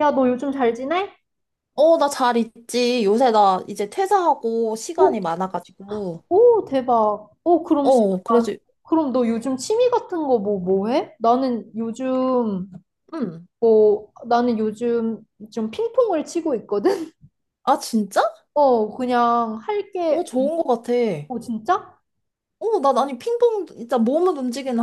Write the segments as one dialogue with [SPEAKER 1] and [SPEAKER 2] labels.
[SPEAKER 1] 야, 너 요즘 잘 지내?
[SPEAKER 2] 어, 나 잘 있지. 요새 나 이제 퇴사하고 시간이
[SPEAKER 1] 오,
[SPEAKER 2] 많아가지고.
[SPEAKER 1] 오, 대박. 오, 그럼 시간,
[SPEAKER 2] 어,
[SPEAKER 1] 많...
[SPEAKER 2] 그래서.
[SPEAKER 1] 그럼 너 요즘 취미 같은 거 뭐 해? 나는 요즘,
[SPEAKER 2] 음.
[SPEAKER 1] 뭐, 나는 요즘 좀 핑퐁을 치고 있거든?
[SPEAKER 2] 아, 진짜?
[SPEAKER 1] 어, 그냥 할
[SPEAKER 2] 어,
[SPEAKER 1] 게,
[SPEAKER 2] 좋은 것 같아.
[SPEAKER 1] 오, 진짜?
[SPEAKER 2] 어, 나, 아니, 핑퐁, 진짜 몸을 움직이는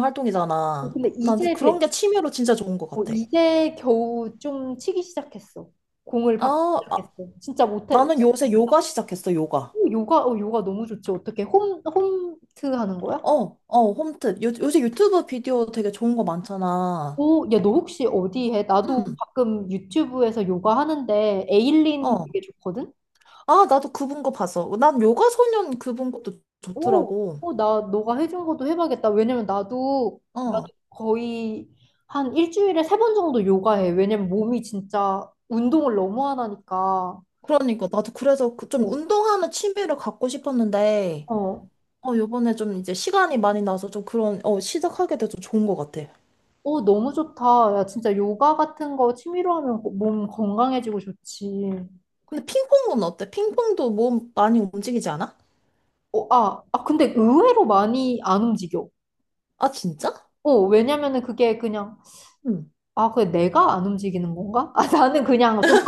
[SPEAKER 1] 어,
[SPEAKER 2] 활동이잖아.
[SPEAKER 1] 근데
[SPEAKER 2] 난
[SPEAKER 1] 이제 배,
[SPEAKER 2] 그런 게 취미로 진짜 좋은 것
[SPEAKER 1] 어,
[SPEAKER 2] 같아.
[SPEAKER 1] 이제 겨우 좀 치기 시작했어. 공을 받기
[SPEAKER 2] 아, 아,
[SPEAKER 1] 시작했어. 진짜 못해.
[SPEAKER 2] 나는 요새 요가 시작했어, 요가.
[SPEAKER 1] 오, 요가, 요가 너무 좋지. 어떻게 홈트 하는 거야?
[SPEAKER 2] 어, 어, 홈트. 요새 유튜브 비디오 되게 좋은 거 많잖아.
[SPEAKER 1] 오, 야, 너 혹시 어디 해? 나도
[SPEAKER 2] 음.
[SPEAKER 1] 가끔 유튜브에서 요가 하는데 에일린
[SPEAKER 2] 어.
[SPEAKER 1] 되게 좋거든?
[SPEAKER 2] 아, 나도 그분 거 봤어. 난 요가 소년 그분 것도
[SPEAKER 1] 오,
[SPEAKER 2] 좋더라고.
[SPEAKER 1] 오, 나 너가 해준 것도 해봐야겠다. 왜냐면 나도,
[SPEAKER 2] 어.
[SPEAKER 1] 거의 한 일주일에 3번 정도 요가해. 왜냐면 몸이 진짜 운동을 너무 안 하니까.
[SPEAKER 2] 그러니까 나도 그래서 그 좀
[SPEAKER 1] 오,
[SPEAKER 2] 운동하는 취미를 갖고 싶었는데
[SPEAKER 1] 어,
[SPEAKER 2] 요번에 좀 이제 시간이 많이 나서 좀 그런 시작하게 돼서 좋은 것 같아.
[SPEAKER 1] 어, 너무 좋다. 야, 진짜 요가 같은 거 취미로 하면 몸 건강해지고 좋지.
[SPEAKER 2] 근데 핑퐁은 어때? 핑퐁도 몸 많이 움직이지 않아?
[SPEAKER 1] 어, 아, 아, 근데 의외로 많이 안 움직여.
[SPEAKER 2] 아, 진짜?
[SPEAKER 1] 어, 왜냐면은 그게 그냥
[SPEAKER 2] 응.
[SPEAKER 1] 아, 그게 내가 안 움직이는 건가? 아, 나는 그냥 좀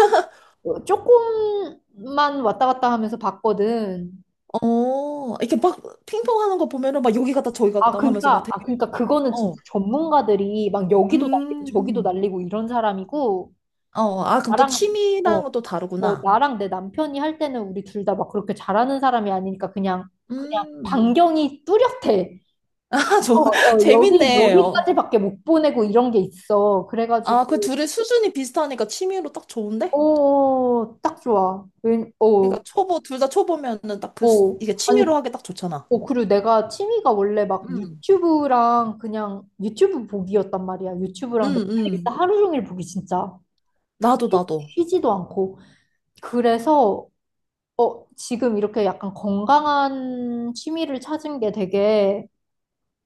[SPEAKER 1] 조금만 왔다 갔다 하면서 봤거든.
[SPEAKER 2] 어, 이렇게 막 핑퐁 하는 거 보면은 막 여기 갔다 저기
[SPEAKER 1] 아,
[SPEAKER 2] 갔다 하면서 막
[SPEAKER 1] 그러니까,
[SPEAKER 2] 되게
[SPEAKER 1] 아, 그러니까 그거는 진짜
[SPEAKER 2] 어
[SPEAKER 1] 전문가들이 막 여기도 날리고 저기도
[SPEAKER 2] 음.
[SPEAKER 1] 날리고 이런 사람이고
[SPEAKER 2] 어, 아, 그럼 또
[SPEAKER 1] 나랑 어,
[SPEAKER 2] 취미라는 것도
[SPEAKER 1] 어,
[SPEAKER 2] 다르구나.
[SPEAKER 1] 나랑 내 남편이 할 때는 우리 둘 다 막 그렇게 잘하는 사람이 아니니까 그냥
[SPEAKER 2] 음.
[SPEAKER 1] 반경이 뚜렷해.
[SPEAKER 2] 아,
[SPEAKER 1] 어,
[SPEAKER 2] 저,
[SPEAKER 1] 어, 여기
[SPEAKER 2] 재밌네. 요.
[SPEAKER 1] 여기까지밖에 못 보내고 이런 게 있어. 그래가지고
[SPEAKER 2] 아, 그 둘의 수준이 비슷하니까 취미로 딱 좋은데?
[SPEAKER 1] 오, 딱 좋아. 웬, 어,
[SPEAKER 2] 그러니까 초보 둘 다 초보면은 딱
[SPEAKER 1] 어.
[SPEAKER 2] 이게 취미로
[SPEAKER 1] 아니,
[SPEAKER 2] 하기 딱 좋잖아.
[SPEAKER 1] 어, 그리고 내가 취미가 원래 막
[SPEAKER 2] 응,
[SPEAKER 1] 유튜브랑 그냥 유튜브 보기였단 말이야.
[SPEAKER 2] 응,
[SPEAKER 1] 유튜브랑 넷플릭스
[SPEAKER 2] 응.
[SPEAKER 1] 하루 종일 보기 진짜
[SPEAKER 2] 나도
[SPEAKER 1] 쉬-
[SPEAKER 2] 나도.
[SPEAKER 1] 쉬지도 않고. 그래서 어, 지금 이렇게 약간 건강한 취미를 찾은 게 되게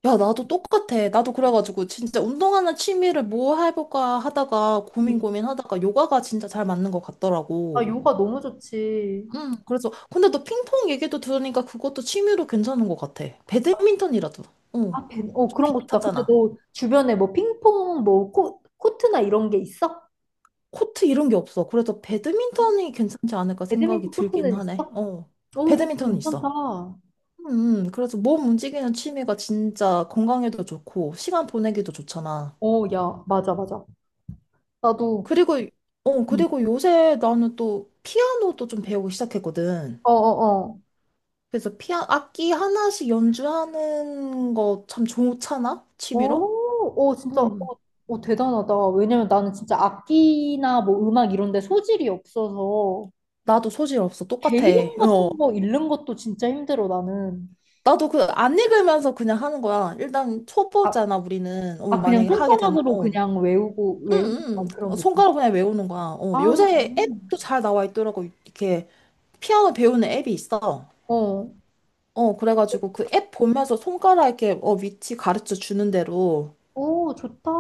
[SPEAKER 2] 야, 나도 똑같아. 나도 그래가지고 진짜 운동하는 취미를 뭐 해볼까 하다가
[SPEAKER 1] 음,
[SPEAKER 2] 고민 고민하다가 요가가 진짜 잘 맞는 것
[SPEAKER 1] 아,
[SPEAKER 2] 같더라고.
[SPEAKER 1] 요가 너무 좋지.
[SPEAKER 2] 응. 그래서 근데 너 핑퐁 얘기도 들으니까 그것도 취미로 괜찮은 것 같아. 배드민턴이라도. 어. 좀
[SPEAKER 1] 그런 것도 다. 근데
[SPEAKER 2] 비슷하잖아.
[SPEAKER 1] 너 주변에 뭐 핑퐁 뭐 코트나 이런 게 있어?
[SPEAKER 2] 코트 이런 게 없어. 그래서 배드민턴이 괜찮지 않을까 생각이
[SPEAKER 1] 배드민턴
[SPEAKER 2] 들긴
[SPEAKER 1] 코트는
[SPEAKER 2] 하네.
[SPEAKER 1] 있어?
[SPEAKER 2] 어.
[SPEAKER 1] 오, 그거
[SPEAKER 2] 배드민턴은
[SPEAKER 1] 괜찮다.
[SPEAKER 2] 있어. 그래서 몸 움직이는 취미가 진짜 건강에도 좋고, 시간 보내기도 좋잖아.
[SPEAKER 1] 오, 야, 맞아, 맞아. 나도,
[SPEAKER 2] 그리고, 어,
[SPEAKER 1] 응.
[SPEAKER 2] 그리고 요새 나는 또 피아노도 좀 배우기 시작했거든.
[SPEAKER 1] 어어어.
[SPEAKER 2] 그래서 악기 하나씩 연주하는 거 참 좋잖아? 취미로?
[SPEAKER 1] 오, 오, 진짜, 오,
[SPEAKER 2] 음,
[SPEAKER 1] 오, 대단하다. 왜냐면 나는 진짜 악기나 뭐 음악 이런 데 소질이 없어서
[SPEAKER 2] 나도 소질 없어.
[SPEAKER 1] 개
[SPEAKER 2] 똑같아.
[SPEAKER 1] 이름
[SPEAKER 2] 어.
[SPEAKER 1] 같은 거 읽는 것도 진짜 힘들어, 나는.
[SPEAKER 2] 나도 그 안 읽으면서 그냥 하는 거야. 일단
[SPEAKER 1] 아,
[SPEAKER 2] 초보잖아, 우리는.
[SPEAKER 1] 아, 그냥
[SPEAKER 2] 만약에 하게 된,
[SPEAKER 1] 손가락으로
[SPEAKER 2] 어.
[SPEAKER 1] 그냥 외우고, 외우고
[SPEAKER 2] 응,
[SPEAKER 1] 막 그런
[SPEAKER 2] 응.
[SPEAKER 1] 느낌.
[SPEAKER 2] 손가락 그냥 외우는 거야.
[SPEAKER 1] 아,
[SPEAKER 2] 요새 앱도
[SPEAKER 1] 음.
[SPEAKER 2] 잘 나와 있더라고. 이렇게 피아노 배우는 앱이 있어.
[SPEAKER 1] 어,
[SPEAKER 2] 어, 그래가지고 그 앱 보면서 손가락 이렇게 위치 가르쳐 주는 대로.
[SPEAKER 1] 오, 좋다.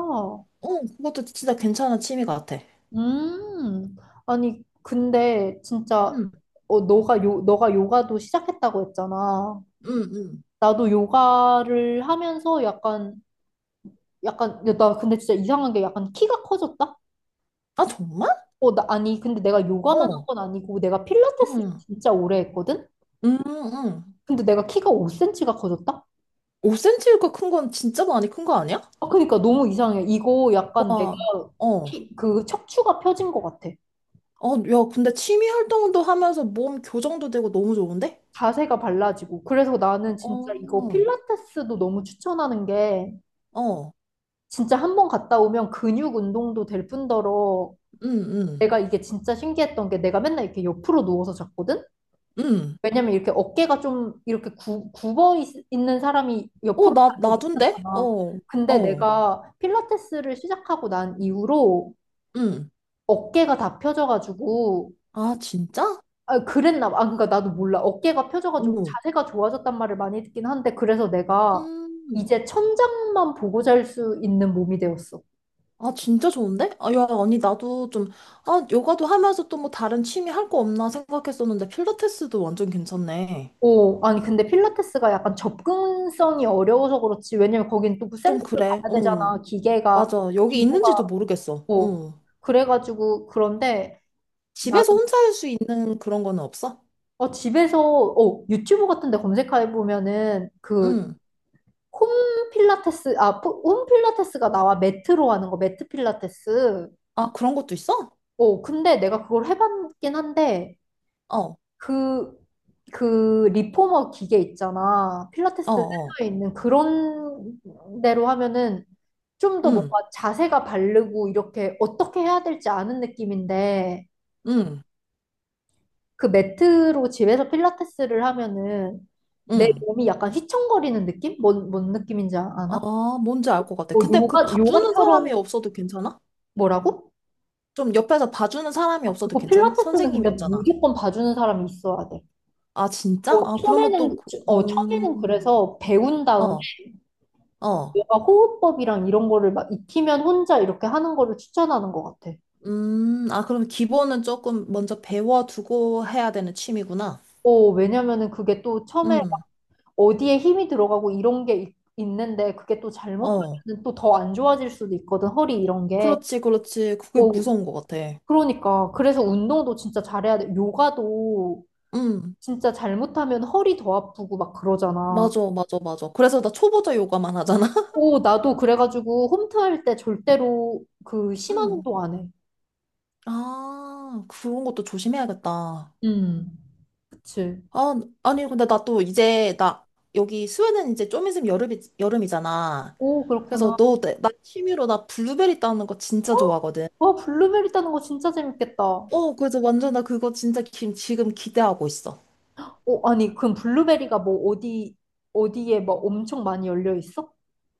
[SPEAKER 2] 어, 그것도 진짜 괜찮은 취미 같아.
[SPEAKER 1] 음, 아니, 근데 진짜,
[SPEAKER 2] 응,
[SPEAKER 1] 어, 너가 요가도 시작했다고 했잖아.
[SPEAKER 2] 응, 응.
[SPEAKER 1] 나도 요가를 하면서 약간 야, 나 근데 진짜 이상한 게 약간 키가 커졌다?
[SPEAKER 2] 아, 정말?
[SPEAKER 1] 어, 나 아니 근데 내가 요가만 한
[SPEAKER 2] 어,
[SPEAKER 1] 건 아니고 내가 필라테스를
[SPEAKER 2] 응,
[SPEAKER 1] 진짜 오래 했거든?
[SPEAKER 2] 응, 응.
[SPEAKER 1] 근데 내가 키가 5cm가 커졌다?
[SPEAKER 2] 5cm가 큰 건 진짜 많이 큰 거 아니야?
[SPEAKER 1] 아, 그러니까 너무 이상해. 이거 약간 내가
[SPEAKER 2] 와, 어.
[SPEAKER 1] 키, 그 척추가 펴진 것 같아.
[SPEAKER 2] 어, 야, 근데 취미 활동도 하면서 몸 교정도 되고 너무 좋은데?
[SPEAKER 1] 자세가 발라지고. 그래서 나는 진짜 이거
[SPEAKER 2] 어,
[SPEAKER 1] 필라테스도 너무 추천하는 게
[SPEAKER 2] 어,
[SPEAKER 1] 진짜 한 번 갔다 오면 근육 운동도 될 뿐더러
[SPEAKER 2] 응, 응,
[SPEAKER 1] 내가 이게 진짜 신기했던 게 내가 맨날 이렇게 옆으로 누워서 잤거든?
[SPEAKER 2] 응.
[SPEAKER 1] 왜냐면 이렇게 어깨가 좀 이렇게 굽어 있, 는 사람이
[SPEAKER 2] 어,
[SPEAKER 1] 옆으로
[SPEAKER 2] 나,
[SPEAKER 1] 자도
[SPEAKER 2] 나둔데?
[SPEAKER 1] 괜찮잖아.
[SPEAKER 2] 어,
[SPEAKER 1] 근데
[SPEAKER 2] 어,
[SPEAKER 1] 내가 필라테스를 시작하고 난 이후로
[SPEAKER 2] 응.
[SPEAKER 1] 어깨가 다 펴져가지고
[SPEAKER 2] 아, 진짜?
[SPEAKER 1] 아, 그랬나 봐. 아, 그러니까 나도 몰라. 어깨가 펴져가지고
[SPEAKER 2] 응.
[SPEAKER 1] 자세가 좋아졌단 말을 많이 듣긴 한데 그래서 내가
[SPEAKER 2] 음.
[SPEAKER 1] 이제 천장만 보고 잘 수 있는 몸이 되었어.
[SPEAKER 2] 아, 진짜 좋은데? 아, 야, 아니, 나도 좀. 아, 요가도 하면서 또 뭐 다른 취미 할 거 없나 생각했었는데, 필라테스도 완전 괜찮네.
[SPEAKER 1] 오, 아니 근데 필라테스가 약간 접근성이 어려워서 그렇지. 왜냐면 거긴 또그
[SPEAKER 2] 좀
[SPEAKER 1] 센터를
[SPEAKER 2] 그래,
[SPEAKER 1] 가야
[SPEAKER 2] 응.
[SPEAKER 1] 되잖아. 기계가
[SPEAKER 2] 맞아. 여기 있는지도
[SPEAKER 1] 기구가
[SPEAKER 2] 모르겠어.
[SPEAKER 1] 어,
[SPEAKER 2] 응.
[SPEAKER 1] 그래가지고, 그런데 나는,
[SPEAKER 2] 집에서 혼자 할 수 있는 그런 거는 없어?
[SPEAKER 1] 어, 집에서, 어, 유튜브 같은 데 검색해보면은, 그,
[SPEAKER 2] 응.
[SPEAKER 1] 홈 필라테스, 홈 필라테스가 나와. 매트로 하는 거, 매트 필라테스.
[SPEAKER 2] 아, 그런 것도 있어?
[SPEAKER 1] 어, 근데 내가 그걸 해봤긴 한데,
[SPEAKER 2] 어, 어,
[SPEAKER 1] 그, 리포머 기계 있잖아. 필라테스
[SPEAKER 2] 어.
[SPEAKER 1] 센터에 있는 그런 데로 하면은 좀 더
[SPEAKER 2] 응,
[SPEAKER 1] 뭔가 자세가 바르고, 이렇게 어떻게 해야 될지 아는 느낌인데,
[SPEAKER 2] 응,
[SPEAKER 1] 그 매트로 집에서 필라테스를 하면은 내
[SPEAKER 2] 응.
[SPEAKER 1] 몸이 약간 휘청거리는 느낌? 뭔 느낌인지 아나?
[SPEAKER 2] 아, 뭔지 알 것 같아.
[SPEAKER 1] 뭐
[SPEAKER 2] 근데 그
[SPEAKER 1] 요가,
[SPEAKER 2] 봐주는
[SPEAKER 1] 요가처럼
[SPEAKER 2] 사람이 없어도 괜찮아?
[SPEAKER 1] 뭐라고?
[SPEAKER 2] 좀 옆에서 봐주는 사람이
[SPEAKER 1] 아,
[SPEAKER 2] 없어도
[SPEAKER 1] 그거
[SPEAKER 2] 괜찮아?
[SPEAKER 1] 필라테스는
[SPEAKER 2] 선생님이
[SPEAKER 1] 근데
[SPEAKER 2] 없잖아.
[SPEAKER 1] 무조건 봐주는 사람이 있어야 돼.
[SPEAKER 2] 아, 진짜?
[SPEAKER 1] 어,
[SPEAKER 2] 아, 그러면 또,
[SPEAKER 1] 처음에는, 어, 처음에는 그래서 배운 다음에
[SPEAKER 2] 어, 어.
[SPEAKER 1] 요가 호흡법이랑 이런 거를 막 익히면 혼자 이렇게 하는 거를 추천하는 것 같아.
[SPEAKER 2] 아, 그럼 기본은 조금 먼저 배워두고 해야 되는 취미구나.
[SPEAKER 1] 어, 왜냐면은 그게 또 처음에
[SPEAKER 2] 음,
[SPEAKER 1] 어디에 힘이 들어가고 이런 게 있, 는데 그게 또 잘못하면
[SPEAKER 2] 어.
[SPEAKER 1] 또 더 안 좋아질 수도 있거든, 허리 이런 게.
[SPEAKER 2] 그렇지, 그렇지. 그게
[SPEAKER 1] 어,
[SPEAKER 2] 무서운 것 같아.
[SPEAKER 1] 그러니까. 그래서 운동도 진짜 잘해야 돼. 요가도
[SPEAKER 2] 음,
[SPEAKER 1] 진짜 잘못하면 허리 더 아프고 막 그러잖아.
[SPEAKER 2] 맞아, 맞아, 맞아. 그래서 나 초보자 요가만 하잖아.
[SPEAKER 1] 오, 나도 그래가지고 홈트 할 때 절대로 그 심한
[SPEAKER 2] 음,
[SPEAKER 1] 운동 안 해.
[SPEAKER 2] 아, 그런 것도 조심해야겠다.
[SPEAKER 1] 음, 그치.
[SPEAKER 2] 아, 아니, 근데 나 또 이제, 나, 여기 스웨덴 이제 좀 있으면 여름이, 여름이잖아.
[SPEAKER 1] 오,
[SPEAKER 2] 그래서
[SPEAKER 1] 그렇구나.
[SPEAKER 2] 너, 나 취미로 나 블루베리 따는 거 진짜
[SPEAKER 1] 헉!
[SPEAKER 2] 좋아하거든.
[SPEAKER 1] 와, 블루베리 따는 거 진짜 재밌겠다.
[SPEAKER 2] 어, 그래서 완전 나 그거 진짜 지금 기대하고 있어.
[SPEAKER 1] 오, 아니, 그럼 블루베리가 뭐 어디, 어디에 막 엄청 많이 열려 있어?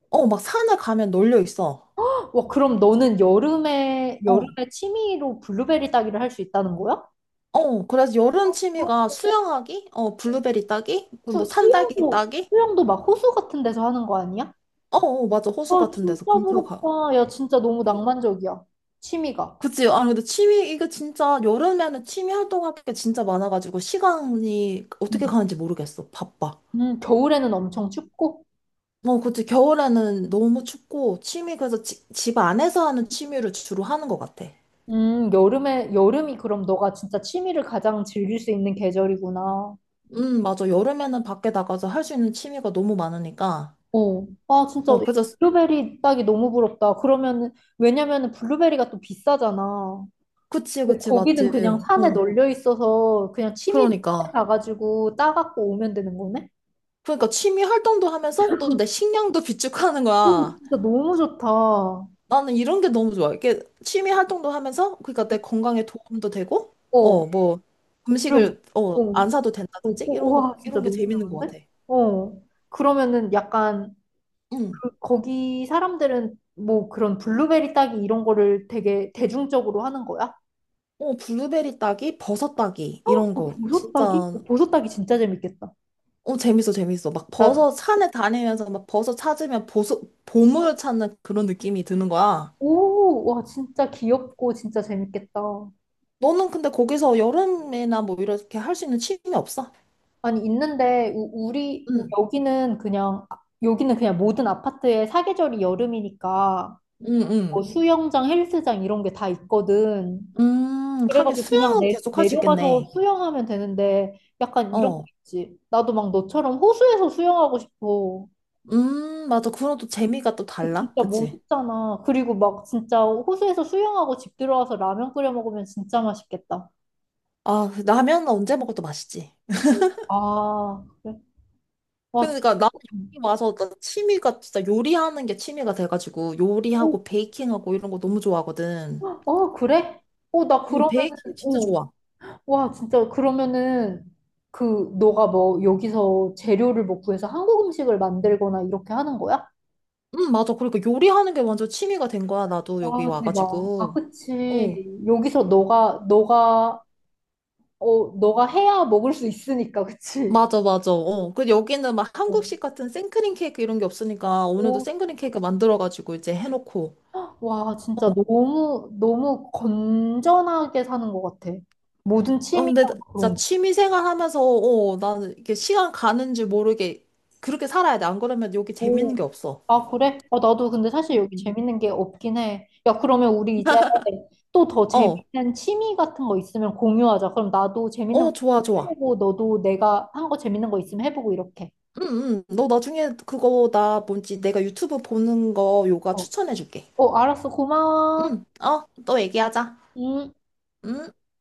[SPEAKER 2] 어, 막 산에 가면 놀려 있어.
[SPEAKER 1] 와, 그럼 너는
[SPEAKER 2] 어,
[SPEAKER 1] 여름에 취미로 블루베리 따기를 할 수 있다는 거야?
[SPEAKER 2] 어, 그래서 여름 취미가 수영하기, 어, 블루베리 따기, 그리고 뭐 산딸기 따기.
[SPEAKER 1] 수영도 막 호수 같은 데서 하는 거 아니야?
[SPEAKER 2] 어, 어, 맞아. 호수
[SPEAKER 1] 어,
[SPEAKER 2] 같은
[SPEAKER 1] 진짜
[SPEAKER 2] 데서 근처 가.
[SPEAKER 1] 부럽다. 야, 진짜 너무 낭만적이야. 취미가.
[SPEAKER 2] 그치? 아, 근데 취미, 이거 진짜 여름에는 취미 활동할 게 진짜 많아가지고 시간이 어떻게
[SPEAKER 1] 음.
[SPEAKER 2] 가는지 모르겠어. 바빠.
[SPEAKER 1] 겨울에는 엄청 춥고?
[SPEAKER 2] 어, 그치. 겨울에는 너무 춥고 취미, 그래서 집 안에서 하는 취미를 주로 하는 것 같아.
[SPEAKER 1] 여름이 그럼 너가 진짜 취미를 가장 즐길 수 있는 계절이구나.
[SPEAKER 2] 맞아. 여름에는 밖에 나가서 할 수 있는 취미가 너무 많으니까.
[SPEAKER 1] 어. 아, 진짜
[SPEAKER 2] 어, 그래서.
[SPEAKER 1] 블루베리 따기 너무 부럽다. 그러면은, 왜냐면은 블루베리가 또 비싸잖아.
[SPEAKER 2] 그치,
[SPEAKER 1] 근데
[SPEAKER 2] 그치,
[SPEAKER 1] 거기는
[SPEAKER 2] 맞지.
[SPEAKER 1] 그냥 산에
[SPEAKER 2] 어,
[SPEAKER 1] 널려 있어서 그냥 취미로 산에
[SPEAKER 2] 그러니까.
[SPEAKER 1] 가가지고 따갖고 오면 되는 거네?
[SPEAKER 2] 그러니까 취미 활동도 하면서 또 내 식량도 비축하는
[SPEAKER 1] 오,
[SPEAKER 2] 거야.
[SPEAKER 1] 진짜 너무 좋다.
[SPEAKER 2] 나는 이런 게 너무 좋아. 이게 취미 활동도 하면서, 그러니까 내 건강에 도움도 되고,
[SPEAKER 1] 어,
[SPEAKER 2] 어, 뭐,
[SPEAKER 1] 그리고,
[SPEAKER 2] 음식을, 어,
[SPEAKER 1] 어,
[SPEAKER 2] 안 사도
[SPEAKER 1] 어,
[SPEAKER 2] 된다든지?
[SPEAKER 1] 어,
[SPEAKER 2] 이런 거,
[SPEAKER 1] 와, 진짜
[SPEAKER 2] 이런 게
[SPEAKER 1] 너무
[SPEAKER 2] 재밌는 것
[SPEAKER 1] 어려운데?
[SPEAKER 2] 같아.
[SPEAKER 1] 어, 그러면은 약간,
[SPEAKER 2] 응.
[SPEAKER 1] 거기 사람들은 뭐 그런 블루베리 따기 이런 거를 되게 대중적으로 하는 거야?
[SPEAKER 2] 어, 블루베리 따기, 버섯 따기,
[SPEAKER 1] 어,
[SPEAKER 2] 이런 거.
[SPEAKER 1] 보석 따기?
[SPEAKER 2] 진짜.
[SPEAKER 1] 어, 보석 따기 진짜 재밌겠다.
[SPEAKER 2] 어, 재밌어, 재밌어. 막
[SPEAKER 1] 나,
[SPEAKER 2] 버섯 산에 다니면서 막 버섯 찾으면
[SPEAKER 1] 어,
[SPEAKER 2] 보물 찾는 그런 느낌이 드는 거야.
[SPEAKER 1] 오, 와, 진짜 귀엽고 진짜 재밌겠다.
[SPEAKER 2] 너는 근데 거기서 여름이나 뭐 이렇게 할 수 있는 취미 없어?
[SPEAKER 1] 아니, 있는데, 우, 우리, 우-
[SPEAKER 2] 응,
[SPEAKER 1] 여기는 그냥, 아, 여기는 그냥 모든 아파트에 사계절이 여름이니까,
[SPEAKER 2] 응,
[SPEAKER 1] 뭐
[SPEAKER 2] 응.
[SPEAKER 1] 수영장, 헬스장 이런 게 다 있거든.
[SPEAKER 2] 하긴
[SPEAKER 1] 그래가지고 그냥
[SPEAKER 2] 수영은 계속 할 수
[SPEAKER 1] 내려가서
[SPEAKER 2] 있겠네.
[SPEAKER 1] 수영하면 되는데 약간 이런 거
[SPEAKER 2] 어,
[SPEAKER 1] 있지. 나도 막 너처럼 호수에서 수영하고 싶어.
[SPEAKER 2] 맞아. 그런 또 재미가 또
[SPEAKER 1] 그
[SPEAKER 2] 달라.
[SPEAKER 1] 진짜
[SPEAKER 2] 그치?
[SPEAKER 1] 멋있잖아. 그리고 막 진짜 호수에서 수영하고 집 들어와서 라면 끓여 먹으면 진짜 맛있겠다.
[SPEAKER 2] 아, 라면 언제 먹어도 맛있지.
[SPEAKER 1] 아, 그래? 와, 진짜.
[SPEAKER 2] 그러니까 나는 여기 와서 나 취미가 진짜 요리하는 게 취미가 돼가지고
[SPEAKER 1] 오,
[SPEAKER 2] 요리하고 베이킹하고 이런 거 너무 좋아하거든.
[SPEAKER 1] 어, 그래? 어, 나
[SPEAKER 2] 응,
[SPEAKER 1] 그러면은,
[SPEAKER 2] 베이킹 진짜
[SPEAKER 1] 오,
[SPEAKER 2] 좋아.
[SPEAKER 1] 와, 진짜 그러면은 그 너가 뭐 여기서 재료를 뭐 구해서 한국 음식을 만들거나 이렇게 하는 거야?
[SPEAKER 2] 응, 맞아. 그러니까 요리하는 게 완전 취미가 된 거야. 나도 여기
[SPEAKER 1] 와, 대박. 아,
[SPEAKER 2] 와가지고. 어,
[SPEAKER 1] 그치. 여기서 너가 해야 먹을 수 있으니까, 그치?
[SPEAKER 2] 맞아, 맞아. 어. 그 여기는 막
[SPEAKER 1] 어.
[SPEAKER 2] 한국식 같은 생크림 케이크 이런 게 없으니까 오늘도
[SPEAKER 1] 오,
[SPEAKER 2] 생크림 케이크 만들어가지고 이제 해놓고.
[SPEAKER 1] 와, 진짜 너무, 너무 건전하게 사는 것 같아. 모든
[SPEAKER 2] 어,
[SPEAKER 1] 취미랑
[SPEAKER 2] 근데 진짜
[SPEAKER 1] 그런 거.
[SPEAKER 2] 취미 생활 하면서, 어, 나는 이게 시간 가는 줄 모르게 그렇게 살아야 돼. 안 그러면 여기 재밌는
[SPEAKER 1] 오,
[SPEAKER 2] 게 없어.
[SPEAKER 1] 아, 그래? 아, 나도 근데 사실 여기
[SPEAKER 2] 음.
[SPEAKER 1] 재밌는 게 없긴 해. 야, 그러면 우리 이제 또 더
[SPEAKER 2] 어,
[SPEAKER 1] 재밌는 취미 같은 거 있으면 공유하자. 그럼 나도 재밌는 거
[SPEAKER 2] 어,
[SPEAKER 1] 있으면
[SPEAKER 2] 좋아, 좋아.
[SPEAKER 1] 해보고, 너도 내가 한 거 재밌는 거 있으면 해보고, 이렇게.
[SPEAKER 2] 응, 응. 너 나중에 그거 나 뭔지 내가 유튜브 보는 거 요가
[SPEAKER 1] 어,
[SPEAKER 2] 추천해줄게.
[SPEAKER 1] 어, 알았어. 고마워.
[SPEAKER 2] 응, 어, 또 얘기하자.
[SPEAKER 1] 응,
[SPEAKER 2] 응.